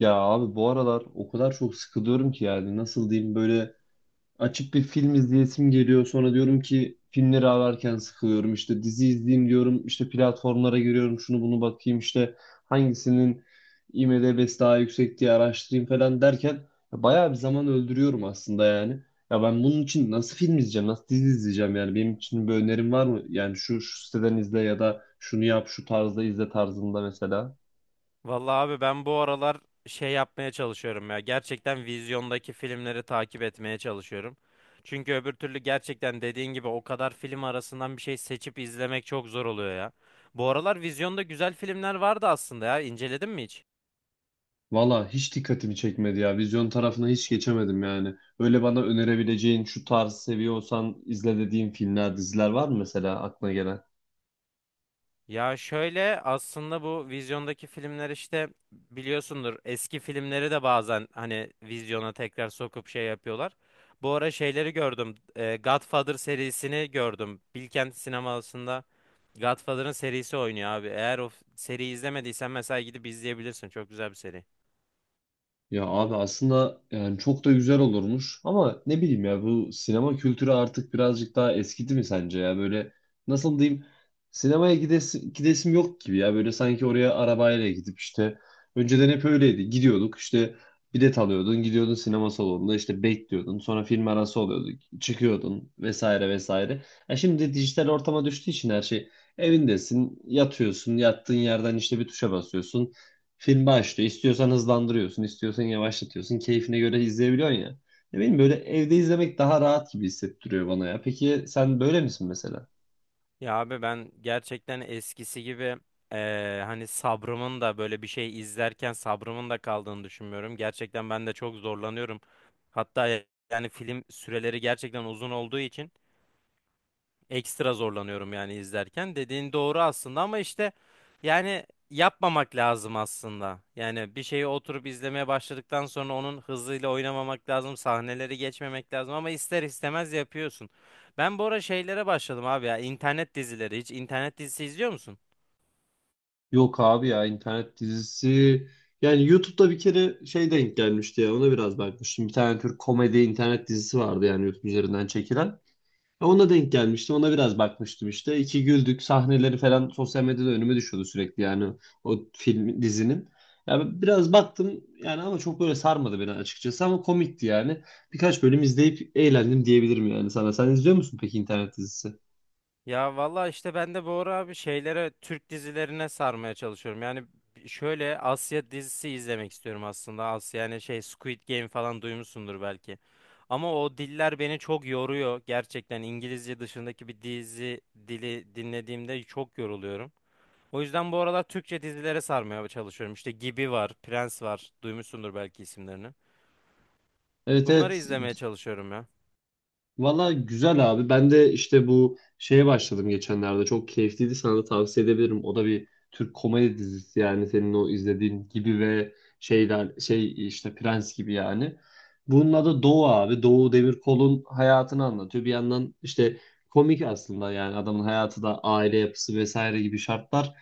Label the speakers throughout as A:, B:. A: Ya abi bu aralar o kadar çok sıkılıyorum ki yani nasıl diyeyim böyle açıp bir film izleyesim geliyor sonra diyorum ki filmleri ararken sıkılıyorum işte dizi izleyeyim diyorum işte platformlara giriyorum şunu bunu bakayım işte hangisinin IMDb'si daha yüksek diye araştırayım falan derken ya bayağı bir zaman öldürüyorum aslında yani. Ya ben bunun için nasıl film izleyeceğim nasıl dizi izleyeceğim yani benim için bir önerim var mı? Yani şu siteden izle ya da şunu yap şu tarzda izle tarzında mesela.
B: Vallahi abi ben bu aralar şey yapmaya çalışıyorum ya. Gerçekten vizyondaki filmleri takip etmeye çalışıyorum. Çünkü öbür türlü gerçekten dediğin gibi o kadar film arasından bir şey seçip izlemek çok zor oluyor ya. Bu aralar vizyonda güzel filmler vardı aslında ya. İnceledin mi hiç?
A: Valla hiç dikkatimi çekmedi ya. Vizyon tarafına hiç geçemedim yani. Öyle bana önerebileceğin şu tarz seviyorsan izle dediğin filmler, diziler var mı mesela aklına gelen?
B: Ya şöyle aslında bu vizyondaki filmler işte biliyorsundur, eski filmleri de bazen hani vizyona tekrar sokup şey yapıyorlar. Bu ara şeyleri gördüm. Godfather serisini gördüm. Bilkent sinemasında Godfather'ın serisi oynuyor abi. Eğer seriyi izlemediysen mesela gidip izleyebilirsin. Çok güzel bir seri.
A: Ya abi aslında yani çok da güzel olurmuş ama ne bileyim ya bu sinema kültürü artık birazcık daha eskidi mi sence ya böyle nasıl diyeyim sinemaya gidesim, gidesim yok gibi ya böyle sanki oraya arabayla gidip işte önceden hep öyleydi gidiyorduk işte bilet alıyordun gidiyordun sinema salonunda işte bekliyordun sonra film arası oluyordu çıkıyordun vesaire vesaire. Ya şimdi dijital ortama düştüğü için her şey evindesin yatıyorsun yattığın yerden işte bir tuşa basıyorsun. Film başlıyor. İstiyorsan hızlandırıyorsun, istiyorsan yavaşlatıyorsun. Keyfine göre izleyebiliyorsun ya. Ne bileyim böyle evde izlemek daha rahat gibi hissettiriyor bana ya. Peki sen böyle misin mesela?
B: Ya abi ben gerçekten eskisi gibi hani sabrımın da böyle bir şey izlerken sabrımın da kaldığını düşünmüyorum. Gerçekten ben de çok zorlanıyorum. Hatta ya- Yani film süreleri gerçekten uzun olduğu için ekstra zorlanıyorum yani izlerken. Dediğin doğru aslında ama işte yani yapmamak lazım aslında. Yani bir şeyi oturup izlemeye başladıktan sonra onun hızıyla oynamamak lazım, sahneleri geçmemek lazım ama ister istemez yapıyorsun. Ben bu ara şeylere başladım abi, ya internet dizileri. Hiç internet dizisi izliyor musun?
A: Yok abi ya internet dizisi. Yani YouTube'da bir kere şey denk gelmişti ya ona biraz bakmıştım. Bir tane Türk komedi internet dizisi vardı yani YouTube üzerinden çekilen. Ona denk gelmiştim. Ona biraz bakmıştım işte. İki güldük. Sahneleri falan sosyal medyada önüme düşüyordu sürekli yani o film dizinin. Ya biraz baktım yani ama çok böyle sarmadı beni açıkçası ama komikti yani. Birkaç bölüm izleyip eğlendim diyebilirim yani sana. Sen izliyor musun peki internet dizisi?
B: Ya valla işte ben de bu ara abi şeylere, Türk dizilerine sarmaya çalışıyorum. Yani şöyle Asya dizisi izlemek istiyorum aslında. Asya yani şey Squid Game falan duymuşsundur belki. Ama o diller beni çok yoruyor. Gerçekten İngilizce dışındaki bir dizi dili dinlediğimde çok yoruluyorum. O yüzden bu aralar Türkçe dizilere sarmaya çalışıyorum. İşte Gibi var, Prens var. Duymuşsundur belki isimlerini.
A: Evet,
B: Bunları
A: evet.
B: izlemeye çalışıyorum ya.
A: Valla güzel abi. Ben de işte bu şeye başladım geçenlerde. Çok keyifliydi. Sana da tavsiye edebilirim. O da bir Türk komedi dizisi yani senin o izlediğin gibi ve şeyler şey işte Prens gibi yani. Bunun adı Doğu abi. Doğu Demirkol'un hayatını anlatıyor. Bir yandan işte komik aslında yani adamın hayatı da aile yapısı vesaire gibi şartlar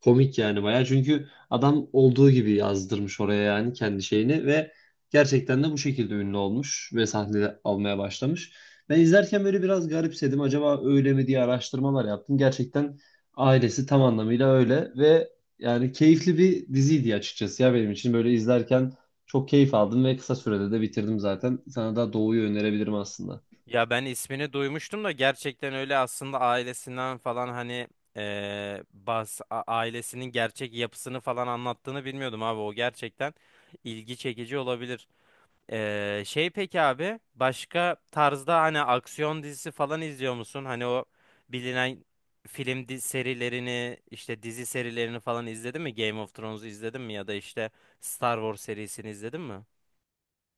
A: komik yani bayağı. Çünkü adam olduğu gibi yazdırmış oraya yani kendi şeyini ve gerçekten de bu şekilde ünlü olmuş ve sahne almaya başlamış. Ben izlerken böyle biraz garipsedim. Acaba öyle mi diye araştırmalar yaptım. Gerçekten ailesi tam anlamıyla öyle ve yani keyifli bir diziydi açıkçası ya benim için. Böyle izlerken çok keyif aldım ve kısa sürede de bitirdim zaten. Sana da Doğu'yu önerebilirim aslında.
B: Ya ben ismini duymuştum da gerçekten öyle aslında ailesinden falan hani ailesinin gerçek yapısını falan anlattığını bilmiyordum abi, o gerçekten ilgi çekici olabilir. Şey peki abi, başka tarzda hani aksiyon dizisi falan izliyor musun? Hani o bilinen serilerini, işte dizi serilerini falan izledin mi? Game of Thrones'u izledin mi ya da işte Star Wars serisini izledin mi?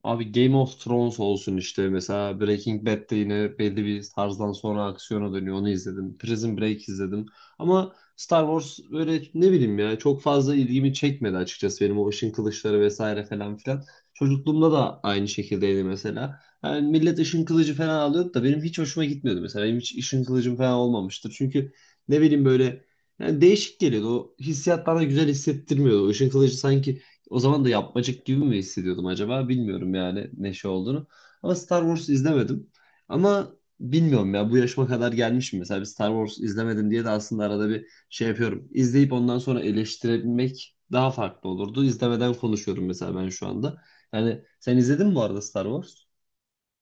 A: Abi Game of Thrones olsun işte. Mesela Breaking Bad'de yine belli bir tarzdan sonra aksiyona dönüyor. Onu izledim. Prison Break izledim. Ama Star Wars böyle ne bileyim ya çok fazla ilgimi çekmedi açıkçası. Benim o ışın kılıçları vesaire falan filan. Çocukluğumda da aynı şekildeydi mesela. Yani millet ışın kılıcı falan alıyordu da benim hiç hoşuma gitmiyordu mesela. Benim hiç ışın kılıcım falan olmamıştır. Çünkü ne bileyim böyle yani değişik geliyordu. O hissiyat bana güzel hissettirmiyordu. O ışın kılıcı sanki o zaman da yapmacık gibi mi hissediyordum acaba? Bilmiyorum yani ne şey olduğunu. Ama Star Wars izlemedim. Ama bilmiyorum ya bu yaşıma kadar gelmişim. Mesela bir Star Wars izlemedim diye de aslında arada bir şey yapıyorum. İzleyip ondan sonra eleştirebilmek daha farklı olurdu. İzlemeden konuşuyorum mesela ben şu anda. Yani sen izledin mi bu arada Star Wars?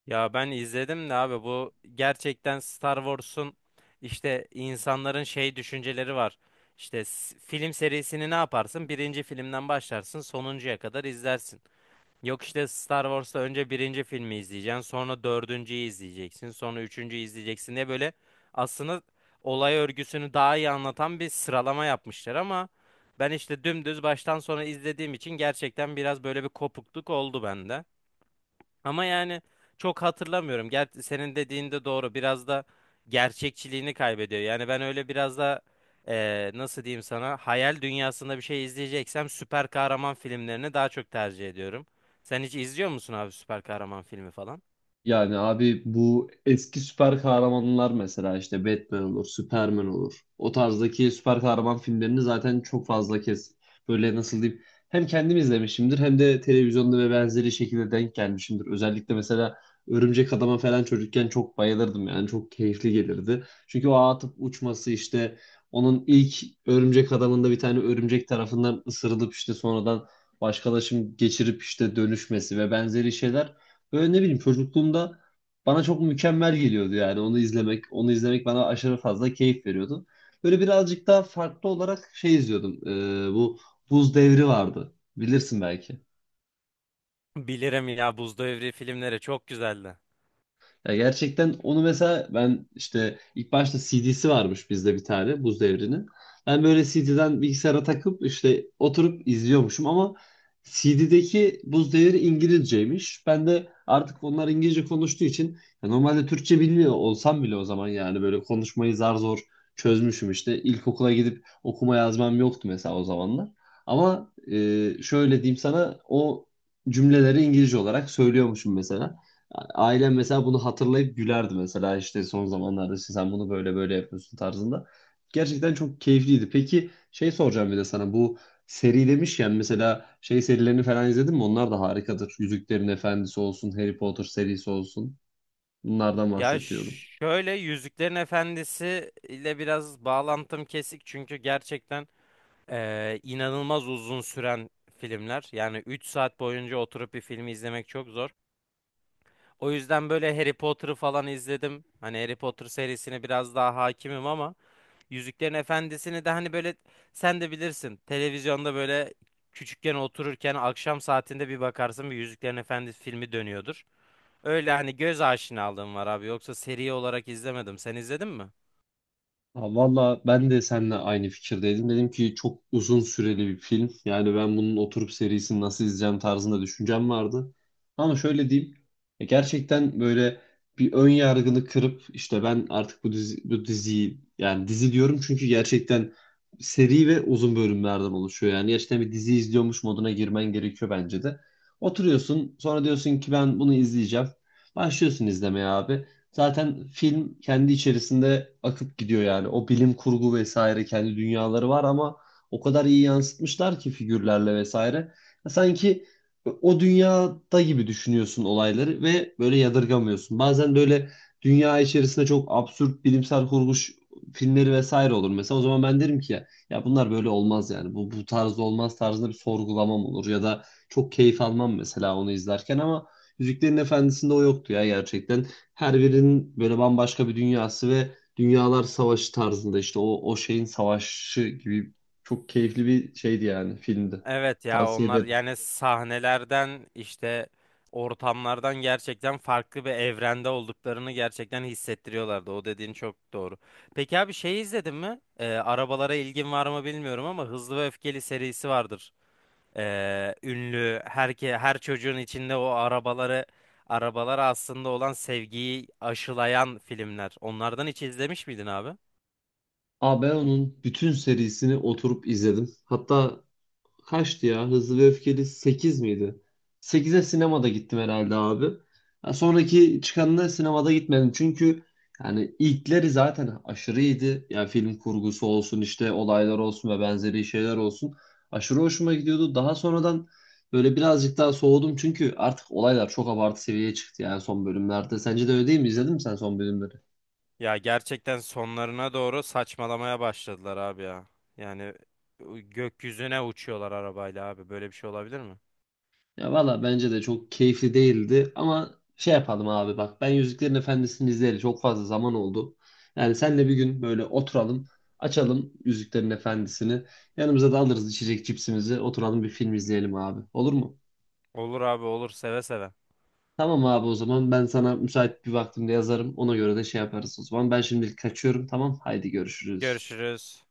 B: Ya ben izledim de abi, bu gerçekten Star Wars'un işte insanların şey düşünceleri var. Film serisini ne yaparsın? Birinci filmden başlarsın, sonuncuya kadar izlersin. Yok işte Star Wars'ta önce birinci filmi izleyeceksin, sonra dördüncüyü izleyeceksin, sonra üçüncüyü izleyeceksin diye böyle aslında olay örgüsünü daha iyi anlatan bir sıralama yapmışlar ama ben işte dümdüz baştan sona izlediğim için gerçekten biraz böyle bir kopukluk oldu bende. Ama yani çok hatırlamıyorum. Ger senin dediğin de doğru. Biraz da gerçekçiliğini kaybediyor. Yani ben öyle biraz da nasıl diyeyim sana, hayal dünyasında bir şey izleyeceksem süper kahraman filmlerini daha çok tercih ediyorum. Sen hiç izliyor musun abi, süper kahraman filmi falan?
A: Yani abi bu eski süper kahramanlar mesela işte Batman olur, Superman olur. O tarzdaki süper kahraman filmlerini zaten çok fazla kez böyle nasıl diyeyim hem kendim izlemişimdir hem de televizyonda ve benzeri şekilde denk gelmişimdir. Özellikle mesela Örümcek Adam'a falan çocukken çok bayılırdım yani çok keyifli gelirdi. Çünkü o ağa atıp uçması işte onun ilk Örümcek Adam'ında bir tane örümcek tarafından ısırılıp işte sonradan başkalaşım geçirip işte dönüşmesi ve benzeri şeyler böyle ne bileyim çocukluğumda bana çok mükemmel geliyordu yani onu izlemek. Onu izlemek bana aşırı fazla keyif veriyordu. Böyle birazcık daha farklı olarak şey izliyordum. Bu Buz Devri vardı. Bilirsin belki.
B: Bilirim ya, Buz Devri filmleri çok güzeldi.
A: Ya gerçekten onu mesela ben işte ilk başta CD'si varmış bizde bir tane Buz Devri'nin. Ben böyle CD'den bilgisayara takıp işte oturup izliyormuşum ama CD'deki Buz Devri İngilizceymiş. Ben de artık onlar İngilizce konuştuğu için ya normalde Türkçe bilmiyor olsam bile o zaman yani böyle konuşmayı zar zor çözmüşüm işte. İlkokula gidip okuma yazmam yoktu mesela o zamanlar. Ama şöyle diyeyim sana o cümleleri İngilizce olarak söylüyormuşum mesela. Yani ailem mesela bunu hatırlayıp gülerdi mesela işte son zamanlarda işte sen bunu böyle böyle yapıyorsun tarzında. Gerçekten çok keyifliydi. Peki şey soracağım bir de sana bu seri demişken mesela şey serilerini falan izledin mi? Onlar da harikadır. Yüzüklerin Efendisi olsun, Harry Potter serisi olsun. Bunlardan
B: Ya
A: bahsediyorum.
B: şöyle Yüzüklerin Efendisi ile biraz bağlantım kesik, çünkü gerçekten inanılmaz uzun süren filmler. Yani 3 saat boyunca oturup bir filmi izlemek çok zor. O yüzden böyle Harry Potter'ı falan izledim. Hani Harry Potter serisine biraz daha hakimim ama Yüzüklerin Efendisi'ni de hani böyle, sen de bilirsin. Televizyonda böyle küçükken otururken akşam saatinde bir bakarsın, bir Yüzüklerin Efendisi filmi dönüyordur. Öyle hani göz aşinalığım var abi. Yoksa seri olarak izlemedim. Sen izledin mi?
A: Ha, valla ben de seninle aynı fikirdeydim. Dedim ki çok uzun süreli bir film. Yani ben bunun oturup serisini nasıl izleyeceğim tarzında düşüncem vardı. Ama şöyle diyeyim. Gerçekten böyle bir ön yargını kırıp işte ben artık bu dizi, bu diziyi yani dizi diyorum çünkü gerçekten seri ve uzun bölümlerden oluşuyor. Yani gerçekten bir dizi izliyormuş moduna girmen gerekiyor bence de. Oturuyorsun sonra diyorsun ki ben bunu izleyeceğim. Başlıyorsun izlemeye abi. Zaten film kendi içerisinde akıp gidiyor yani. O bilim kurgu vesaire kendi dünyaları var ama o kadar iyi yansıtmışlar ki figürlerle vesaire. Sanki o dünyada gibi düşünüyorsun olayları ve böyle yadırgamıyorsun. Bazen böyle dünya içerisinde çok absürt bilimsel kurgu filmleri vesaire olur. Mesela o zaman ben derim ki ya, ya bunlar böyle olmaz yani. Bu tarzda olmaz tarzında bir sorgulamam olur ya da çok keyif almam mesela onu izlerken ama Yüzüklerin Efendisi'nde o yoktu ya gerçekten. Her birinin böyle bambaşka bir dünyası ve dünyalar savaşı tarzında işte o şeyin savaşı gibi çok keyifli bir şeydi yani filmde.
B: Evet ya,
A: Tavsiye
B: onlar
A: ederim.
B: yani sahnelerden işte ortamlardan gerçekten farklı bir evrende olduklarını gerçekten hissettiriyorlardı. O dediğin çok doğru. Peki abi, şey izledin mi? Arabalara ilgin var mı bilmiyorum ama Hızlı ve Öfkeli serisi vardır. Ünlü her çocuğun içinde o arabalara aslında olan sevgiyi aşılayan filmler. Onlardan hiç izlemiş miydin abi?
A: Aa ben onun bütün serisini oturup izledim. Hatta kaçtı ya? Hızlı ve Öfkeli 8 miydi? 8'e sinemada gittim herhalde abi. Ya sonraki çıkanına sinemada gitmedim. Çünkü yani ilkleri zaten aşırı iyiydi. Yani film kurgusu olsun işte olaylar olsun ve benzeri şeyler olsun. Aşırı hoşuma gidiyordu. Daha sonradan böyle birazcık daha soğudum. Çünkü artık olaylar çok abartı seviyeye çıktı yani son bölümlerde. Sence de öyle değil mi? İzledin mi sen son bölümleri?
B: Ya gerçekten sonlarına doğru saçmalamaya başladılar abi ya. Yani gökyüzüne uçuyorlar arabayla abi. Böyle bir şey olabilir mi?
A: Ya valla bence de çok keyifli değildi ama şey yapalım abi bak ben Yüzüklerin Efendisi'ni izleyeli çok fazla zaman oldu. Yani senle bir gün böyle oturalım açalım Yüzüklerin Efendisi'ni yanımıza da alırız içecek cipsimizi oturalım bir film izleyelim abi olur mu?
B: Olur abi, olur seve seve.
A: Tamam abi o zaman ben sana müsait bir vaktimde yazarım ona göre de şey yaparız o zaman ben şimdilik kaçıyorum tamam haydi görüşürüz.
B: Görüşürüz.